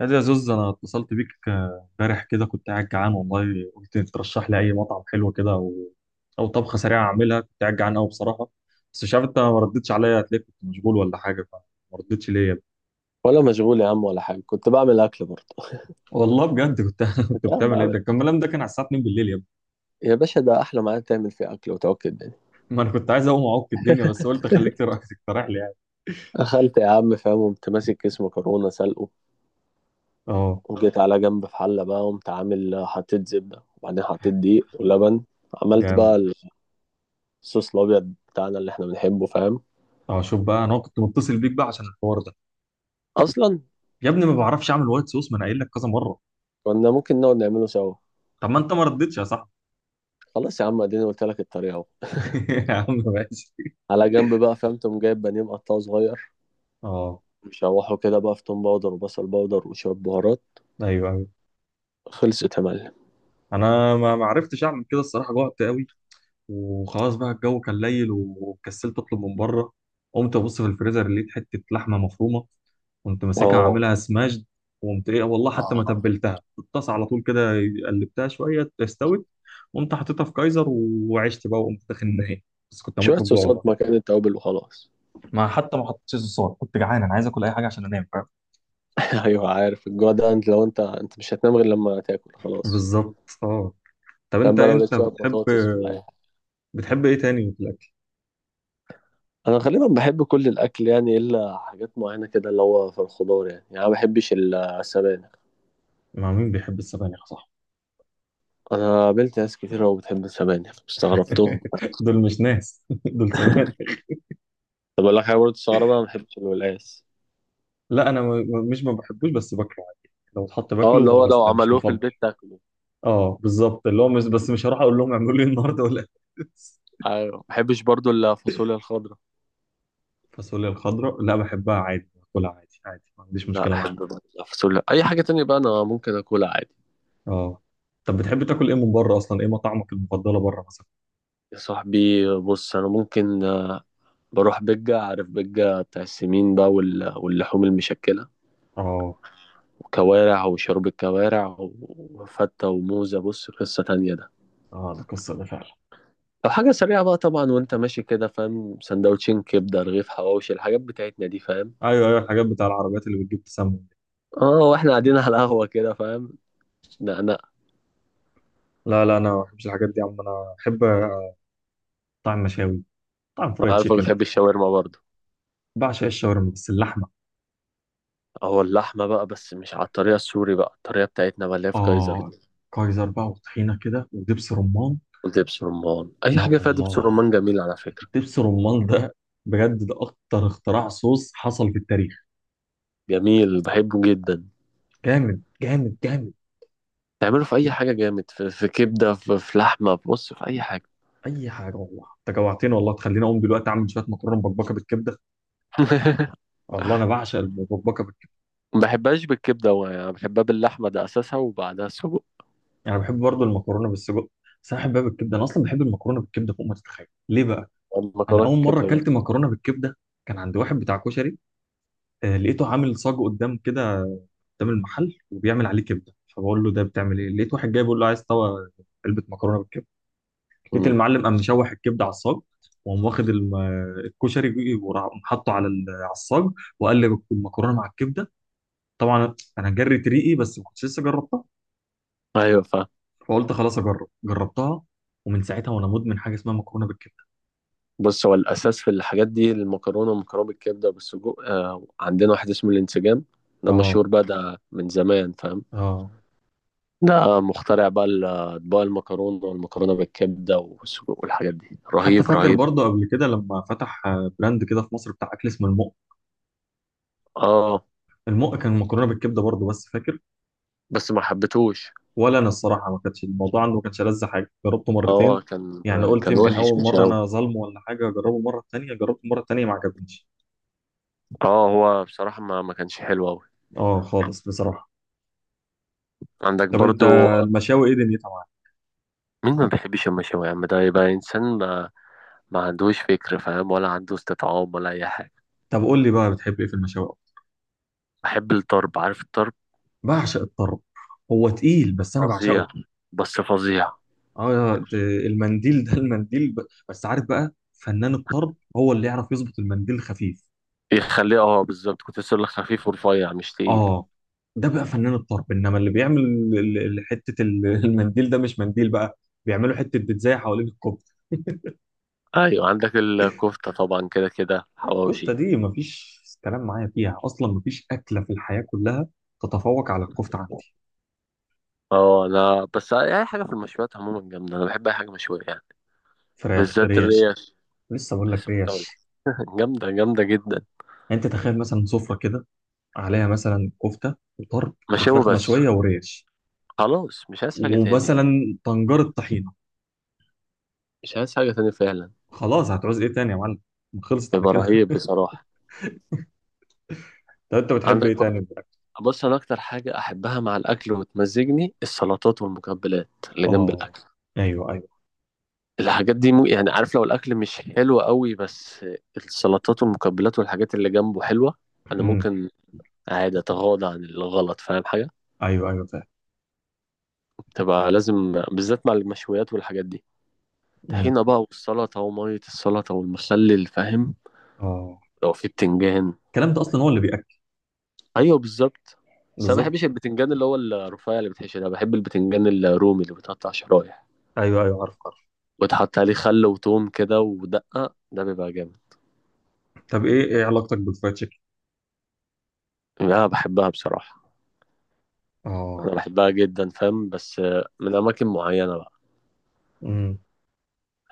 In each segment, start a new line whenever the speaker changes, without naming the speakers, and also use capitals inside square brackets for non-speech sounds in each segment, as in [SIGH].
هذا يا زوز، انا اتصلت بيك امبارح كده كنت قاعد جعان والله. قلت ترشح لي اي مطعم حلو كده، او طبخه سريعه اعملها. كنت قاعد جعان قوي بصراحه، بس مش عارف انت ما ردتش عليا. هتلاقيك كنت مشغول ولا حاجه، فما ردتش ليه يا ابني؟
ولا مشغول يا عم، ولا حاجة، كنت بعمل أكل برضه.
والله بجد كنت [LAUGHS] كنت
كنت قاعد
بتعمل ايه؟ ده
بقى-
كان الكلام ده كان على الساعه 2 بالليل يا ابني.
يا باشا، ده أحلى ميعاد تعمل فيه أكل وتوكل الدنيا.
ما انا كنت عايز اقوم اعك الدنيا، بس قلت خليك [LAUGHS] تقترح لي يعني.
أخلت يا عم فاهم، قمت ماسك كيس مكرونة سلقه،
اه،
وجيت على جنب في حلة بقى، قمت عامل حطيت زبدة، وبعدين حطيت دقيق ولبن، عملت
جامد.
بقى الصوص الأبيض بتاعنا اللي إحنا بنحبه فاهم.
اه، شوف بقى، انا كنت متصل بيك بقى عشان الحوار ده
أصلا
يا ابني. ما بعرفش اعمل وايت صوص، ما انا قايل لك كذا مره.
كنا ممكن نقعد نعمله سوا.
طب ما انت ما ردتش يا صاحبي؟
خلاص يا عم، اديني قلت لك الطريقة أهو.
[LAUGHS] يا عم ماشي.
على جنب بقى فاهم، تقوم جايب بانيه مقطعه صغير،
اه،
مشوحه كده بقى في توم باودر وبصل باودر وشوية بهارات.
ايوه.
خلصت يا معلم.
انا ما عرفتش اعمل كده الصراحه، جوعت قوي. وخلاص بقى الجو كان ليل وكسلت اطلب من بره. قمت ابص في الفريزر، لقيت حته لحمه مفرومه كنت ماسكها عاملها
اه،
سماشد. وقمت ايه والله، حتى ما تبلتها، في الطاسه على طول كده قلبتها شويه استوت. قمت حطيتها في كايزر وعشت بقى وقمت داخل النهائي. بس كنت هموت
شوية
من الجوع
صوصات
والله.
مكان التوابل وخلاص.
ما حتى ما حطيتش صوصات، كنت جعان انا، عايز اكل اي حاجه عشان انام، فاهم؟
[LAUGHS] أيوه، عارف الجوع ده، أنت لو أنت مش هتنام غير لما تاكل خلاص.
بالظبط. اه. طب
تمام
انت
بقى، لو
انت
لقيت شوية
بتحب
بطاطس ولا أي حاجة.
بتحب ايه تاني في الاكل؟
أنا غالبا بحب كل الأكل يعني، إلا حاجات معينة كده، اللي هو في الخضار يعني، أنا ما بحبش السبانخ.
مع مين بيحب السبانخ؟ صح.
أنا قابلت ناس كتير أوي بتحب السبانخ، استغربتهم.
[LAUGHS] دول مش ناس، [LAUGHS] دول سمك.
طب أقول لك حاجة برضه تستغربها، أنا ما بحبش الولاس.
لا، انا مش ما بحبوش، بس باكله عادي، لو اتحط
أه، اللي
باكله،
هو لو
بس مش
عملوه في
مفضل.
البيت تاكله.
اه بالظبط، اللي هو مش، بس مش هروح اقول لهم اعملوا لي النهارده، ولا [LAUGHS]
أيوه، ما بحبش برضه الفاصوليا الخضراء.
الفاصوليا الخضراء لا، بحبها عادي، باكلها عادي عادي، ما عنديش
لا
مشكله معاها.
أحب برضه الفاصوليا، أي حاجة تانية بقى أنا ممكن أكلها عادي.
اه. طب بتحب تاكل ايه من بره اصلا؟ ايه مطاعمك المفضله بره مثلا؟
يا صاحبي بص، انا ممكن بروح بجة، عارف بجة بتاع السمين بقى واللحوم المشكلة،
اه
وكوارع وشرب الكوارع وفتة وموزة. بص قصة تانية ده.
اه، ده قصه ده فعلا.
أو حاجة سريعة بقى طبعا، وأنت ماشي كده فاهم، سندوتشين كبدة، رغيف حواوشي، الحاجات بتاعتنا دي فاهم.
ايوه ايوه، الحاجات بتاع العربيات اللي بتجيب تسمم دي.
اه، واحنا قاعدين على القهوة كده فاهم. لا، لا.
لا لا، انا ما بحبش الحاجات دي يا عم، انا بحب طعم مشاوي، طعم فرايد
أنا عارفة
تشيكن.
بتحب الشاورما برضه.
بعشق الشاورما بس اللحمه.
أو اللحمة بقى، بس مش على الطريقة السوري بقى، الطريقة بتاعتنا بقى اللي هي في كايزر
آه،
دي،
كايزر بقى وطحينة كده ودبس رمان.
ودبس رمان. أي
يا
حاجة فيها دبس
الله،
رمان جميل، على فكرة.
دبس رمان ده، بجد ده أكتر اختراع صوص حصل في التاريخ.
جميل، بحبه جدا.
جامد جامد جامد.
تعمله في اي حاجه جامد، في كبده، في لحمه، بص في اي حاجه.
أي حاجة والله، أنت جوعتني والله، تخليني أقوم دلوقتي أعمل شوية مكرونة مبكبكة بالكبدة.
[LAUGHS]
الله، أنا بعشق المبكبكة بالكبدة.
ما بحبهاش بالكبده، هو يعني بحبها باللحمه، ده اساسها وبعدها سجق.
يعني أنا بحب برضو المكرونة بالسجق، بس أنا بحبها بالكبدة، أنا أصلا بحب المكرونة بالكبدة فوق ما تتخيل، ليه بقى؟ أنا
المكرونه
أول مرة
كبده
أكلت
جامد.
مكرونة بالكبدة كان عند واحد بتاع كشري. لقيته عامل صاج قدام كده، قدام المحل، وبيعمل عليه كبده. فبقول له ده بتعمل ايه؟ لقيت واحد جاي بيقول له عايز طبق، علبه مكرونه بالكبده. لقيت
امم.
المعلم قام مشوح الكبده على الصاج، وقام واخد الكشري وراح حاطه على على الصاج، وقلب المكرونه مع الكبده. طبعا انا جريت ريقي، بس ما كنتش لسه جربتها،
ايوه فاهم.
فقلت خلاص اجرب. جربتها، ومن ساعتها وانا مدمن حاجه اسمها مكرونه بالكبده.
بص، هو الاساس في الحاجات دي، المكرونه والمكرونه بالكبده وبالسجق. عندنا واحد اسمه الانسجام، ده
اه
مشهور بقى، ده من زمان فاهم.
اه.
ده مخترع بقى اطباق المكرونه والمكرونه بالكبده والسجق والحاجات دي،
حتى
رهيب
فاكر
رهيب.
برضه قبل كده لما فتح براند كده في مصر بتاع اكل اسمه المق.
اه،
المق كان مكرونه بالكبده برضه، بس فاكر
بس ما حبيتهوش.
ولا انا، الصراحه ما كانتش الموضوع عنده، ما كانش لذ حاجه. جربته
اه
مرتين،
كان.
يعني قلت
كان
يمكن
وحش
اول
مش
مره
قوي.
انا ظالمه ولا حاجه، اجربه مره تانية. جربته مره تانية ما عجبنيش.
اه، هو بصراحة ما كانش حلو أوي.
اه خالص بصراحه.
عندك
طب انت
برضو.
المشاوي ايه دنيتها معاك؟
مين ما بيحبش المشاوي يا عم؟ ده يبقى إنسان ما عندوش فكر فاهم، ولا عنده استطعام ولا أي حاجة.
طب قول لي بقى، بتحب ايه في المشاوي أكتر؟
بحب الطرب، عارف الطرب.
بعشق الطرب، هو تقيل بس انا
فظيع.
بعشقه.
بس فظيع.
اه، المنديل ده [LAUGHS] المنديل بس عارف بقى، فنان الطرب هو اللي يعرف يظبط المنديل خفيف.
يخليه، اه، بالظبط، كنت لسه أقولك خفيف ورفيع مش تقيل.
اه، ده بقى فنان الطرب، انما اللي بيعمل حته [LAUGHS] المنديل ده مش منديل بقى، بيعملوا حته بيتزاي حوالين الكفته.
أيوة عندك الكفتة طبعا، كده كده
الكفته
حواوشي.
دي مفيش كلام معايا فيها اصلا، مفيش اكله في الحياه كلها تتفوق على الكفته عندي.
اه، أنا بس أي حاجة في المشويات عموما جامدة، أنا بحب أي حاجة مشوية يعني.
فراخ،
بالذات
ريش.
الريش.
لسه بقول لك
لسه كنت أقولك.
ريش.
[LAUGHS] جامدة جامدة جدا.
انت تخيل مثلا سفره كده عليها مثلا كفته وطرب
مشاوي
وفراخ
بس،
مشويه وريش،
خلاص مش عايز حاجة تاني.
ومثلا طنجره طحينه.
مش عايز حاجة تانية فعلا.
خلاص، هتعوز ايه تاني يا معلم؟ خلصت على
هيبقى
كده.
رهيب بصراحة.
[LAUGHS] طب انت بتحب
عندك
ايه
برضه.
تاني في الأكل؟
بص، أنا أكتر حاجة أحبها مع الأكل وتمزجني، السلطات والمقبلات اللي جنب
اه.
الأكل.
ايوه ايوه
الحاجات دي مو يعني، عارف، لو الأكل مش حلو قوي، بس السلطات والمقبلات والحاجات اللي جنبه حلوة، أنا ممكن عادي أتغاضى عن الغلط، فاهم حاجة.
ايوه. ايوه فاهم.
تبقى لازم بالذات مع المشويات والحاجات دي.
مم.
طحينة بقى، والسلطة ومية السلطة والمخلل فاهم.
اه،
لو في بتنجان.
الكلام ده اصلا هو اللي بياكل.
ايوه بالظبط. بس انا ما
بالظبط.
بحبش البتنجان اللي هو الرفيع اللي بتحشي ده، بحب البتنجان الرومي اللي بيتقطع شرايح،
ايوه ايوه، عارف عارف.
وتحط عليه خل وتوم كده ودقة، ده بيبقى جامد.
طب ايه علاقتك بالفرايد تشيكن؟
انا بحبها بصراحة. انا
اه.
بحبها جدا فاهم، بس من اماكن معينة بقى.
امم.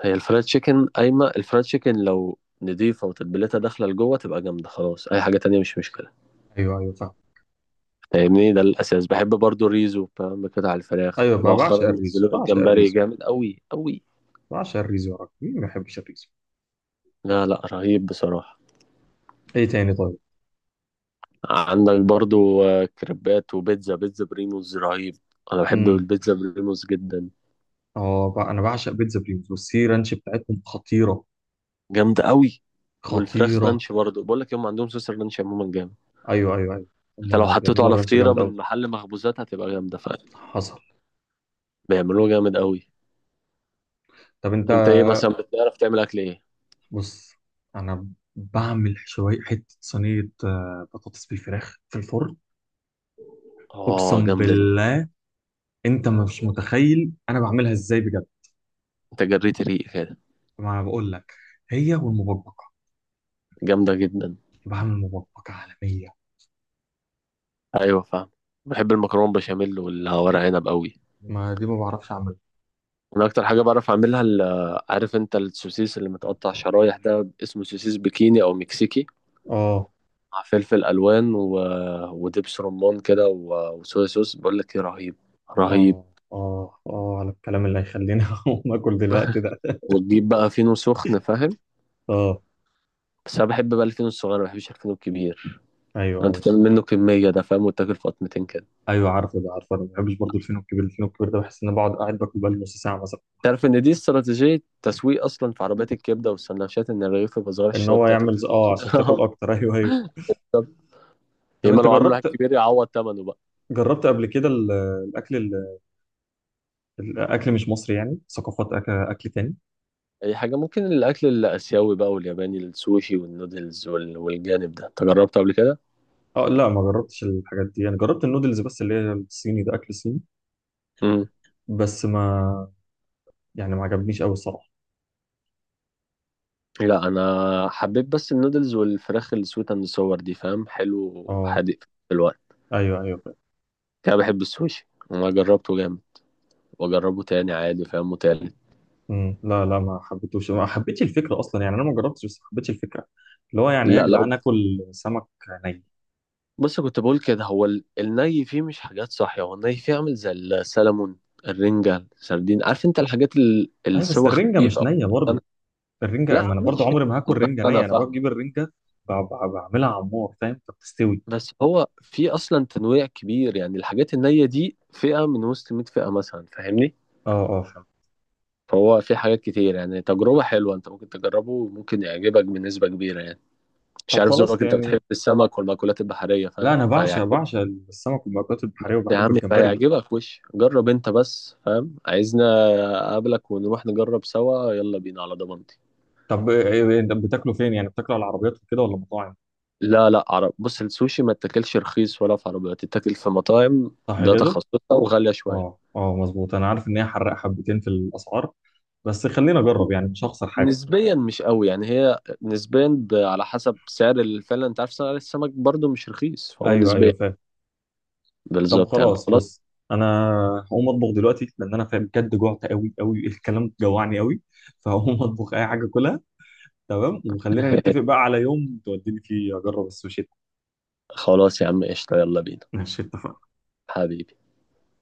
هي الفرايد تشيكن، قايمة الفرايد تشيكن لو نضيفة وتتبيلتها داخلة لجوه تبقى جامدة، خلاص أي حاجة تانية مش مشكلة.
ايوه ايوه فاهم.
فاهمني، ده الأساس. بحب برضو الريزو فاهم، بقطع الفراخ
ايوه بقى، بعشق
مؤخرا،
الريزو،
نزلوا لي
بعشق
الجمبري
الريزو،
جامد أوي أوي.
بعشق الريزو يا راجل. مين ما يحبش الريزو؟
لا لا، رهيب بصراحة.
ايه تاني طيب؟
عندك برضو كريبات وبيتزا بريموز رهيب. انا بحب
امم.
البيتزا بريموز جدا.
اه بقى، انا بعشق بيتزا بريموس والسي رانش بتاعتهم خطيره.
جامده قوي. والفراخ
خطيره.
رانش برضو، بقول لك هم عندهم صوص الرانش عموما جامد.
ايوه ايوه ايوه،
انت لو
هما
حطيته
بيعملوا
على
الرانش
فطيره
جامد قوي.
من محل مخبوزات هتبقى جامده فعلا.
حصل.
بيعملوه جامد قوي.
طب انت،
انت ايه مثلا بتعرف تعمل اكل ايه؟
بص، انا بعمل شويه، حته صينيه بطاطس بالفراخ في الفرن.
اه
اقسم
جامده دي.
بالله، انت مش متخيل انا بعملها ازاي بجد.
انت جريت ريق كده.
ما انا بقول لك، هي والمبكبكه،
جامده جدا.
بعمل مبكبكه عالميه.
ايوه فاهم. بحب المكرونه بشاميل والورق عنب قوي.
ما دي ما بعرفش اعملها.
انا اكتر حاجه بعرف اعملها عارف انت السوسيس اللي متقطع شرايح ده اسمه سوسيس بكيني او مكسيكي،
اه
مع فلفل الوان ودبس رمان كده وصويا صوص. بقول لك ايه، رهيب. رهيب.
اه اه اه، على الكلام اللي هيخليني [LAUGHS] اقوم اكل دلوقتي
[LAUGHS]
ده.
وتجيب بقى فينو سخن فاهم.
اه،
بس انا بحب بقى الفينو الصغير، ما بحبش الفينو الكبير.
ايوه
انت
ايوه
تعمل منه كميه ده فاهم، وتاكل في قطمتين كده.
ايوه، عارفه ده، عارفه انا ما بحبش برضه الفينو الكبير. الفينو الكبير ده بحس ان انا بقعد قاعد باكل بقالي نص ساعه مثلا.
تعرف ان دي استراتيجيه تسويق اصلا في عربيات الكبده والسندوتشات، ان الرغيف يبقى صغير
ان
عشان
هو
تقعد تاكل
يعمل
كتير.
عشان تاكل اكتر. [LAUGHS] ايوه ايوه.
[LAUGHS] طب، يا
طب
اما
انت
لو عامل واحد
جربت
كبير يعوض ثمنه بقى.
جربت قبل كده الاكل ال- الاكل مش مصري، يعني ثقافات اكل، أكل تاني؟
اي حاجه ممكن، الاكل الاسيوي بقى والياباني، السوشي والنودلز والجانب ده انت جربته قبل كده؟
اه لا، ما جربتش الحاجات دي. انا جربت النودلز بس، اللي هي الصيني، ده اكل صيني
مم.
بس. ما يعني ما عجبنيش قوي الصراحه.
لا انا حبيت بس النودلز والفراخ السويت اند صور دي فاهم، حلو
اه،
وحادق في الوقت.
ايوه ايوه فاهم.
انا بحب السوشي، انا جربته جامد، واجربه تاني عادي فاهم، وتالت.
امم. لا لا، ما حبيتوش، ما حبيتش الفكره اصلا. يعني انا ما جربتش، بس ما حبيتش الفكره، اللي هو يعني إيه يا
لا لو
جدعان، اكل سمك ني.
بص، كنت بقول كده، هو الني فيه مش حاجات صحية، هو الني فيه عامل زي السلمون، الرنجة، السردين، عارف انت الحاجات
ايوه، بس
السوا
الرنجه
خفيف
مش
او.
نيه برضه.
أنا
الرنجه ما
لا
انا برضه
مش
عمري ما هاكل رنجه
انا
نيه. انا
فاهم.
بجيب الرنجه بعملها على النار فاهم، فبتستوي.
بس هو في اصلا تنويع كبير يعني، الحاجات النية دي فئة من وسط 100 فئة مثلا، فاهمني.
اه اه فاهم.
فهو في حاجات كتير يعني، تجربة حلوة انت ممكن تجربه، وممكن يعجبك بنسبة كبيرة يعني. مش
طب
عارف
خلاص
ذوقك، انت
يعني،
بتحب السمك والمأكولات البحرية
لا
فاهم،
انا بعشق
فيعجبك.
بعشق السمك والمأكولات البحريه،
يا
وبحب
عم
الجمبري.
فيعجبك، وش جرب انت بس فاهم، عايزنا اقابلك ونروح نجرب سوا، يلا بينا على ضمانتي.
طب إنت بتاكلوا فين يعني؟ بتاكلوا على العربيات وكده ولا مطاعم؟
لا لا، بص السوشي ما تاكلش رخيص، ولا في عربيات تتاكل، في مطاعم،
صح
ده
كده.
تخصصها وغالية
اه
شوية.
اه مظبوط، انا عارف ان هي حرق حبتين في الاسعار، بس خلينا اجرب يعني مش هخسر حاجه.
نسبيا مش قوي يعني، هي نسبيا على حسب سعر فعلا، انت عارف سعر السمك برضو مش رخيص، فهو
ايوه ايوه
نسبيا.
فاهم. طب
بالظبط يعني
خلاص
خلاص.
بص، انا هقوم اطبخ دلوقتي لان انا فاهم بجد جوعت قوي قوي. [LAUGHS] الكلام جوعني قوي. [LAUGHS] فهقوم اطبخ اي حاجه كلها. تمام، وخلينا نتفق
[LAUGHS]
بقى على يوم توديني فيه اجرب السوشي.
خلاص يا عم، قشطة، يلا بينا.
[LAUGHS] ماشي، اتفقنا.
حبيبي.